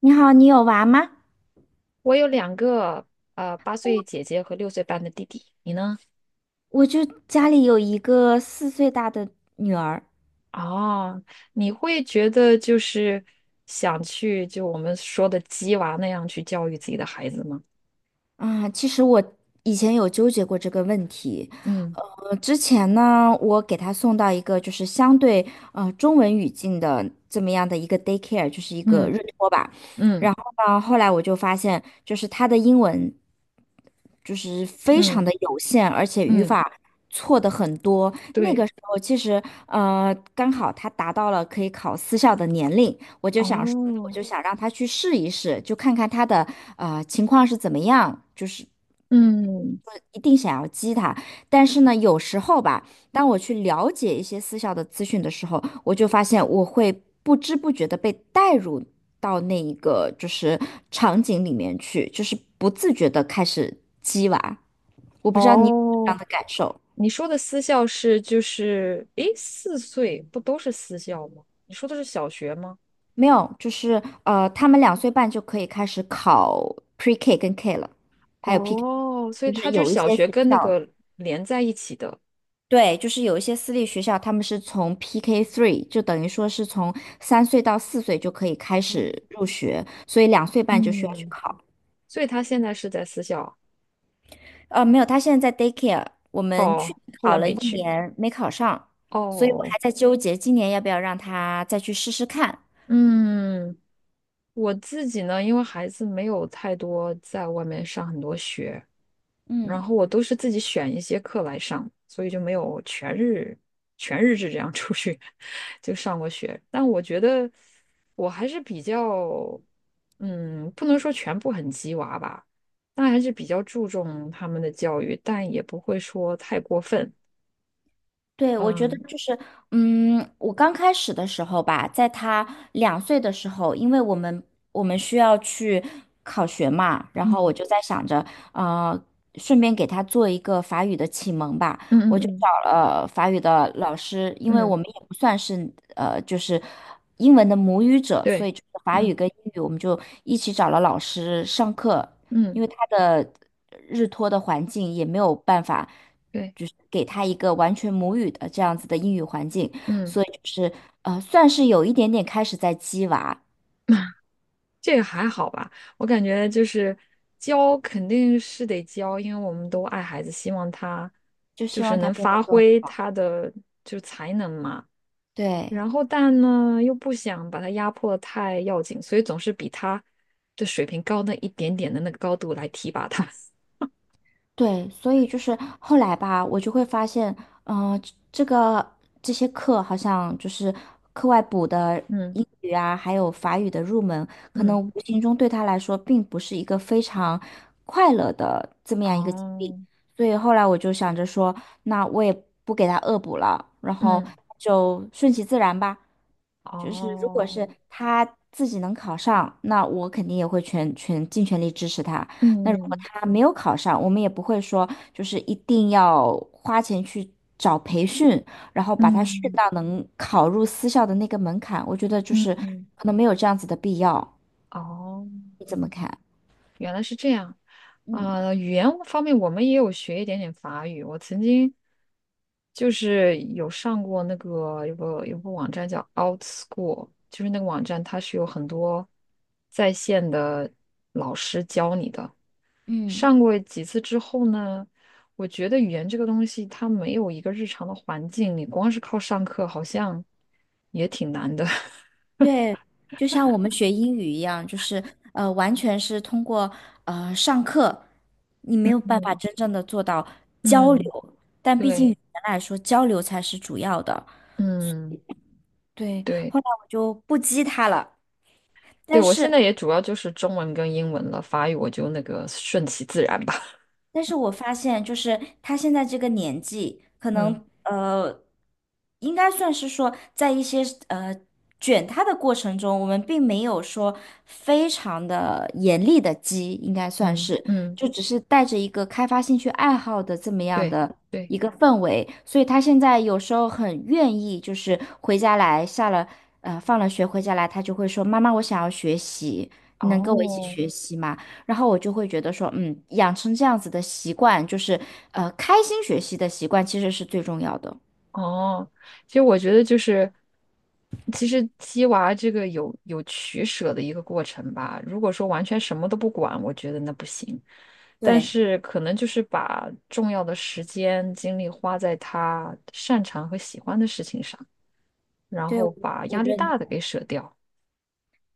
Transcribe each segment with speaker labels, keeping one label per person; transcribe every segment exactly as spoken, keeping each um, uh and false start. Speaker 1: 你好，你有娃吗？
Speaker 2: 我有两个呃八岁姐姐和六岁半的弟弟，你呢？
Speaker 1: 我就家里有一个四岁大的女儿
Speaker 2: 哦，你会觉得就是想去就我们说的鸡娃那样去教育自己的孩子吗？
Speaker 1: 啊。其实我以前有纠结过这个问题。
Speaker 2: 嗯。
Speaker 1: 呃，之前呢，我给她送到一个就是相对呃中文语境的这么样的一个 daycare，就是一个
Speaker 2: 嗯。
Speaker 1: 日托吧。
Speaker 2: 嗯。
Speaker 1: 然后呢，后来我就发现，就是她的英文就是非常
Speaker 2: 嗯。
Speaker 1: 的有限，而且语
Speaker 2: 嗯，
Speaker 1: 法错的很多。那个
Speaker 2: 对。
Speaker 1: 时候其实呃刚好她达到了可以考私校的年龄。我就想说，那我
Speaker 2: 哦。
Speaker 1: 就想让他去试一试，就看看他的呃情况是怎么样，就是
Speaker 2: 嗯。
Speaker 1: 不一定想要激他。但是呢，有时候吧，当我去了解一些私校的资讯的时候，我就发现我会不知不觉的被带入到那一个就是场景里面去，就是不自觉的开始激娃，不知道你有这
Speaker 2: 哦，
Speaker 1: 样的感受
Speaker 2: 你说的私校是就是，诶，四岁不都是私校吗？你说的是小学吗？
Speaker 1: 没有？就是呃，他们两岁半就可以开始考 Pre K 跟 K 了，还有 P K。
Speaker 2: 哦，所以
Speaker 1: 就
Speaker 2: 他
Speaker 1: 是
Speaker 2: 就是
Speaker 1: 有一
Speaker 2: 小
Speaker 1: 些
Speaker 2: 学
Speaker 1: 学
Speaker 2: 跟那
Speaker 1: 校，
Speaker 2: 个连在一起的。
Speaker 1: 对，就是有一些私立学校，他们是从 P K three，就等于说是从三岁到四岁就可以开始
Speaker 2: 哦。
Speaker 1: 入学，所以两岁半就需要去
Speaker 2: 嗯。
Speaker 1: 考。
Speaker 2: 所以他现在是在私校。
Speaker 1: 呃，没有，他现在在 daycare，我们去
Speaker 2: 哦，
Speaker 1: 年
Speaker 2: 后
Speaker 1: 考
Speaker 2: 来
Speaker 1: 了一
Speaker 2: 没去。
Speaker 1: 年没考上，所以我
Speaker 2: 哦。
Speaker 1: 还在纠结今年要不要让他再去试试看。
Speaker 2: 嗯，我自己呢，因为孩子没有太多在外面上很多学，然
Speaker 1: 嗯。
Speaker 2: 后我都是自己选一些课来上，所以就没有全日全日制这样出去 就上过学。但我觉得我还是比较，嗯，不能说全部很鸡娃吧，但还是比较注重他们的教育，但也不会说太过分。
Speaker 1: 对，我觉得
Speaker 2: 嗯。
Speaker 1: 就是，嗯，我刚开始的时候吧，在他两岁的时候，因为我们我们需要去考学嘛，然后
Speaker 2: 嗯。
Speaker 1: 我就在想着，呃，顺便给他做一个法语的启蒙吧，
Speaker 2: 嗯。嗯。
Speaker 1: 我就
Speaker 2: 嗯。
Speaker 1: 找了法语的老师，因为我
Speaker 2: 嗯，
Speaker 1: 们也不算是呃，就是英文的母语者，所
Speaker 2: 对。
Speaker 1: 以就是法语
Speaker 2: 嗯。
Speaker 1: 跟英语我们就一起找了老师上课，
Speaker 2: 嗯，
Speaker 1: 因为他的。日托的环境也没有办法，
Speaker 2: 对。
Speaker 1: 就是给他一个完全母语的这样子的英语环境，
Speaker 2: 嗯。
Speaker 1: 所以就是呃，算是有一点点开始在激娃，
Speaker 2: 这个还好吧？我感觉就是教肯定是得教，因为我们都爱孩子，希望他
Speaker 1: 就
Speaker 2: 就
Speaker 1: 希
Speaker 2: 是
Speaker 1: 望他
Speaker 2: 能
Speaker 1: 变得
Speaker 2: 发
Speaker 1: 更
Speaker 2: 挥他的就是才能嘛。
Speaker 1: 对
Speaker 2: 然后但呢又不想把他压迫得太要紧，所以总是比他的水平高那一点点的那个高度来提拔他。
Speaker 1: 对，所以就是后来吧，我就会发现，嗯、这这个这些课好像就是课外补的。
Speaker 2: 嗯。
Speaker 1: 英语啊，还有法语的入门，可能
Speaker 2: 嗯。
Speaker 1: 无形中对他来说并不是一个非常
Speaker 2: 哦。
Speaker 1: 所以后来我就想着说，那我也不给他恶补了，然后
Speaker 2: 嗯。
Speaker 1: 就顺其自然吧。就是如果
Speaker 2: 哦。
Speaker 1: 是他自己能考上，那我肯定也会全全尽全力支持他。那如果
Speaker 2: 嗯。
Speaker 1: 他没有考上，我们也不会说就是一定要花钱去找培训，然后把他训
Speaker 2: 嗯。
Speaker 1: 到能考入私校的那个门槛。我觉得就是
Speaker 2: 嗯。
Speaker 1: 可能没有这样子的必要。
Speaker 2: 哦。
Speaker 1: 你怎么看？
Speaker 2: 原来是这样。啊、语言方面我们也有学一点点法语。我曾经就是有上过那个有个有个网站叫 OutSchool，就是那个网站它是有很多在线的老师教你的。
Speaker 1: 嗯。
Speaker 2: 上过几次之后呢，我觉得语言这个东西它没有一个日常的环境，你光是靠上课好像也挺难的。
Speaker 1: 对，就像我们学英语一样，就是呃，完全是通过呃上课，你 没有办法
Speaker 2: 嗯。
Speaker 1: 真正的做到交
Speaker 2: 嗯。
Speaker 1: 流，但毕竟语
Speaker 2: 对。
Speaker 1: 言来说，交流才是主要的。
Speaker 2: 嗯。
Speaker 1: 对，
Speaker 2: 对。
Speaker 1: 后来我就不激他了，
Speaker 2: 对，
Speaker 1: 但
Speaker 2: 我现
Speaker 1: 是
Speaker 2: 在也主要就是中文跟英文了，法语我就那个顺其自然吧。
Speaker 1: 但是我发现，就是他现在这个年纪，可
Speaker 2: 嗯。
Speaker 1: 能呃，应该算是说，在一些呃卷他的过程中，我们并没有说非常的严厉的激，应该算
Speaker 2: 嗯。
Speaker 1: 是，
Speaker 2: 嗯。
Speaker 1: 就只是带着一个开发兴趣爱好的这么样
Speaker 2: 对。
Speaker 1: 的
Speaker 2: 对。
Speaker 1: 一个氛围，所以他现在有时候很愿意，就是回家来下了呃放了学回家来，他就会说：“妈妈，我想要学习，你能跟我一起
Speaker 2: 哦。
Speaker 1: 学习吗？”然后我就会觉得说，嗯，养成这样子的习惯，就是呃，开心学习的习惯，其实是最重要的。
Speaker 2: 哦。其实我觉得就是，其实鸡娃这个有有取舍的一个过程吧。如果说完全什么都不管，我觉得那不行。但
Speaker 1: 对
Speaker 2: 是可能就是把重要的时间精力花在他擅长和喜欢的事情上，然
Speaker 1: 对，
Speaker 2: 后
Speaker 1: 我
Speaker 2: 把
Speaker 1: 我
Speaker 2: 压力
Speaker 1: 认
Speaker 2: 大的给舍掉。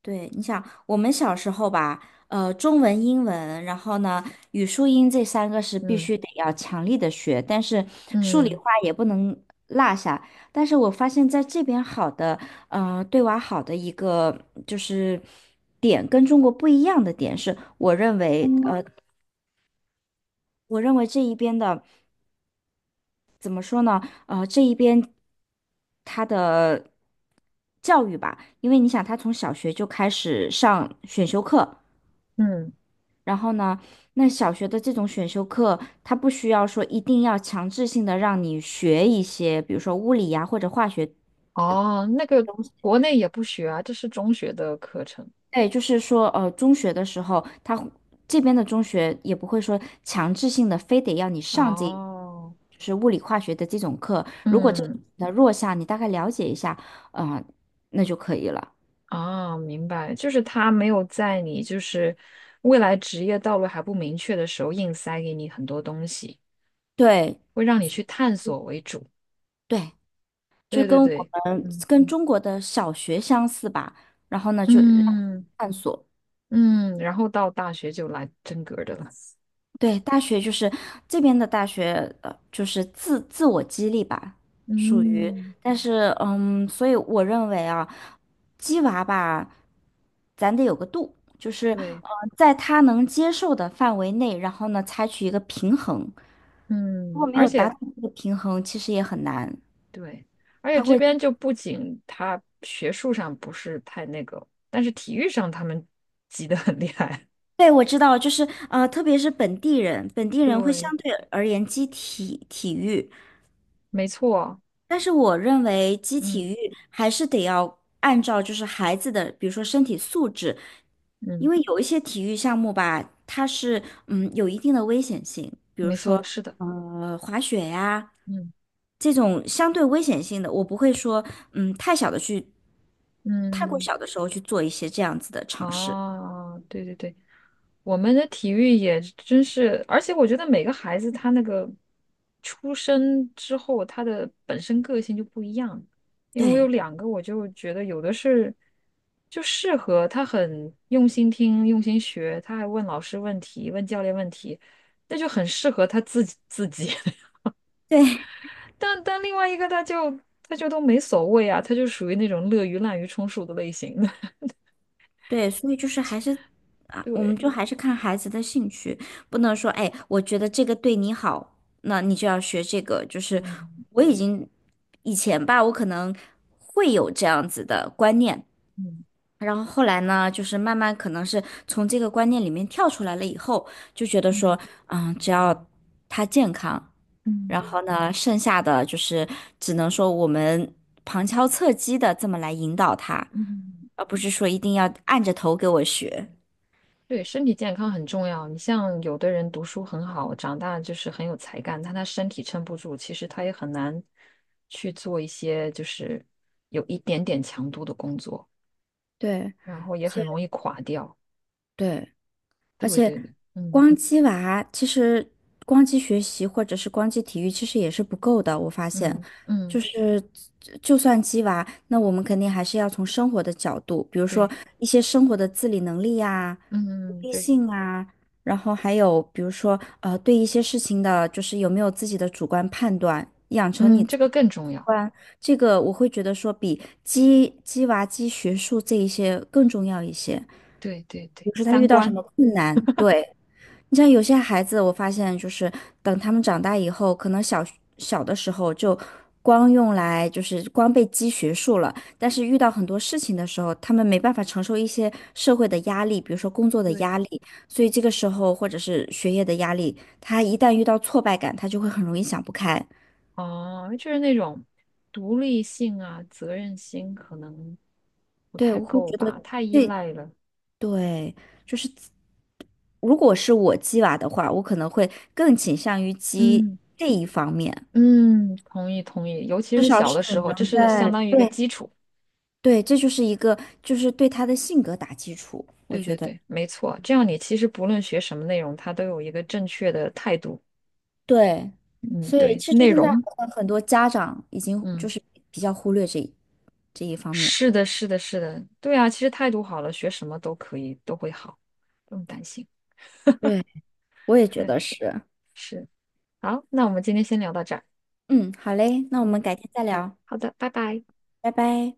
Speaker 1: 对。你想，我们小时候吧，呃，中文、英文，然后呢，语数英这三个是必
Speaker 2: 嗯。
Speaker 1: 须得要强力的学，但是数理
Speaker 2: 嗯。
Speaker 1: 化也不能落下。但是我发现在这边好的，嗯，对娃好的一个就是点，跟中国不一样的点是，我认为，嗯呃，我认为这一边的。怎么说呢？呃，这一边他的教育吧，因为你想，他从小学就开始上选修课，
Speaker 2: 嗯。
Speaker 1: 然后呢，那小学的这种选修课，他不需要说一定要强制性的让你学一些，比如说物理呀或者化学
Speaker 2: 哦，那个国内也不学啊，这是中学的课程。
Speaker 1: 对，就是说，呃，中学的时候，他会这边的中学也不会说强制性的非得要你上这，
Speaker 2: 哦。
Speaker 1: 就是物理化学的这种课。如果这个
Speaker 2: 嗯。
Speaker 1: 的弱项，你大概了解一下，啊、那就可以了。
Speaker 2: 啊，明白，就是他没有在你就是未来职业道路还不明确的时候，硬塞给你很多东西，
Speaker 1: 对
Speaker 2: 会让你去探索为主。
Speaker 1: 对，就
Speaker 2: 对
Speaker 1: 跟
Speaker 2: 对
Speaker 1: 我
Speaker 2: 对。
Speaker 1: 们
Speaker 2: 嗯。
Speaker 1: 跟中国的小学相似吧。然后呢，就让
Speaker 2: 嗯。
Speaker 1: 探索。
Speaker 2: 嗯。然后到大学就来真格儿的了。
Speaker 1: 对，大学就是这边的大学，呃，就是自自我激励吧，属于。
Speaker 2: 嗯。
Speaker 1: 但是，嗯，所以我认为啊，鸡娃吧，咱得有个度，就是
Speaker 2: 对。
Speaker 1: 呃，在他能接受的范围内，然后呢，采取一个平衡。如果
Speaker 2: 嗯。
Speaker 1: 没
Speaker 2: 而
Speaker 1: 有达
Speaker 2: 且
Speaker 1: 到这个平衡，其实也很难。
Speaker 2: 对。而且
Speaker 1: 他
Speaker 2: 这
Speaker 1: 会，
Speaker 2: 边就不仅他学术上不是太那个，但是体育上他们急得很厉害。
Speaker 1: 对，我知道，就是呃，特别是本地人，本地 人会
Speaker 2: 对。
Speaker 1: 相对而言激体体育，
Speaker 2: 没错。
Speaker 1: 但是我认为基体
Speaker 2: 嗯。
Speaker 1: 育还是得要按照就是孩子的，比如说身体素质，因
Speaker 2: 嗯。
Speaker 1: 为有一些体育项目吧，它是嗯有一定的危险性，比如
Speaker 2: 没错，
Speaker 1: 说
Speaker 2: 是的。
Speaker 1: 呃滑雪呀
Speaker 2: 嗯。
Speaker 1: 这种相对危险性的，我不会说嗯太小的去，太过
Speaker 2: 嗯。
Speaker 1: 小的时候去做一些这样子的尝试。
Speaker 2: 哦，对对对，我们的体育也真是，而且我觉得每个孩子他那个出生之后，他的本身个性就不一样。因为我有
Speaker 1: 对
Speaker 2: 两个，我就觉得有的是就适合他很用心听、用心学，他还问老师问题、问教练问题，那就很适合他自己自己。
Speaker 1: 对
Speaker 2: 但但另外一个他就他就都没所谓啊，他就属于那种乐于滥竽充数的类型的。
Speaker 1: 对，所以就是还是。我们
Speaker 2: 对。
Speaker 1: 就还是看孩子的兴趣，不能说，哎，我觉得这个对你好，那你就要学这个。就是
Speaker 2: 嗯。
Speaker 1: 我已经以前吧，我可能会有这样子的观念，
Speaker 2: 嗯。
Speaker 1: 然后后来呢，就是慢慢可能是从这个观念里面跳出来了以后，就觉得说，嗯，只要他健康，然
Speaker 2: 嗯。
Speaker 1: 后呢，剩下的就是只能说我们旁敲侧击的这么来引导他，
Speaker 2: 嗯，
Speaker 1: 而不是说一定要按着头给我学。
Speaker 2: 对，身体健康很重要。你像有的人读书很好，长大就是很有才干，但他身体撑不住，其实他也很难去做一些就是有一点点强度的工作，
Speaker 1: 对。
Speaker 2: 然后
Speaker 1: 而
Speaker 2: 也很
Speaker 1: 且
Speaker 2: 容易垮掉。
Speaker 1: 对，而
Speaker 2: 对
Speaker 1: 且
Speaker 2: 对对。嗯。
Speaker 1: 光鸡娃其实光鸡学习或者是光鸡体育其实也是不够的，我发现，
Speaker 2: 嗯。
Speaker 1: 就
Speaker 2: 嗯。
Speaker 1: 是就算鸡娃，那我们肯定还是要从生活的角度，比如说
Speaker 2: 对。
Speaker 1: 一些生活的自理能力呀、独
Speaker 2: 嗯。嗯。
Speaker 1: 立
Speaker 2: 对。
Speaker 1: 性啊，然后还有比如说呃对一些事情的，就是有没有自己的主观判断，养成
Speaker 2: 嗯，
Speaker 1: 你。
Speaker 2: 这个更重
Speaker 1: 不
Speaker 2: 要。
Speaker 1: 然，这个我会觉得说比鸡鸡娃鸡学术这一些更重要一些。
Speaker 2: 对对对，
Speaker 1: 比如说他
Speaker 2: 三
Speaker 1: 遇到什
Speaker 2: 观。
Speaker 1: 么困难，对，你像有些孩子，我发现就是等他们长大以后，可能小小的时候就光用来就是光被鸡学术了，但是遇到很多事情的时候，他们没办法承受一些社会的压力，比如说工作的
Speaker 2: 对。
Speaker 1: 压力，所以这个时候或者是学业的压力，他一旦遇到挫败感，他就会很容易想不开。
Speaker 2: 哦，就是那种独立性啊，责任心可能不
Speaker 1: 对，
Speaker 2: 太
Speaker 1: 我会
Speaker 2: 够
Speaker 1: 觉得。
Speaker 2: 吧，太依
Speaker 1: 这
Speaker 2: 赖了。
Speaker 1: 对，就是如果是我鸡娃的话，我可能会更倾向于鸡
Speaker 2: 嗯。
Speaker 1: 这一方面，
Speaker 2: 嗯，同意同意，尤其
Speaker 1: 至
Speaker 2: 是
Speaker 1: 少
Speaker 2: 小
Speaker 1: 是
Speaker 2: 的时
Speaker 1: 你
Speaker 2: 候，这
Speaker 1: 能
Speaker 2: 是相
Speaker 1: 在，
Speaker 2: 当于一个
Speaker 1: 对
Speaker 2: 基础。
Speaker 1: 对，这就是一个就是对他的性格打基础，我
Speaker 2: 对
Speaker 1: 觉
Speaker 2: 对
Speaker 1: 得
Speaker 2: 对，没错，这样你其实不论学什么内容，它都有一个正确的态度。
Speaker 1: 对，
Speaker 2: 嗯。
Speaker 1: 所以
Speaker 2: 对。
Speaker 1: 其实
Speaker 2: 内
Speaker 1: 现在好
Speaker 2: 容。
Speaker 1: 像很多家长已经就
Speaker 2: 嗯。
Speaker 1: 是比较忽略这一这一方面，
Speaker 2: 是的，是的，是的，对啊，其实态度好了，学什么都可以，都会好，不用担心。
Speaker 1: 对，我也觉
Speaker 2: 对。
Speaker 1: 得是，
Speaker 2: 是。好，那我们今天先聊到这儿。
Speaker 1: 嗯，好嘞，那我
Speaker 2: 好
Speaker 1: 们
Speaker 2: 嘞，
Speaker 1: 改天再聊，
Speaker 2: 好的，拜拜。
Speaker 1: 拜拜。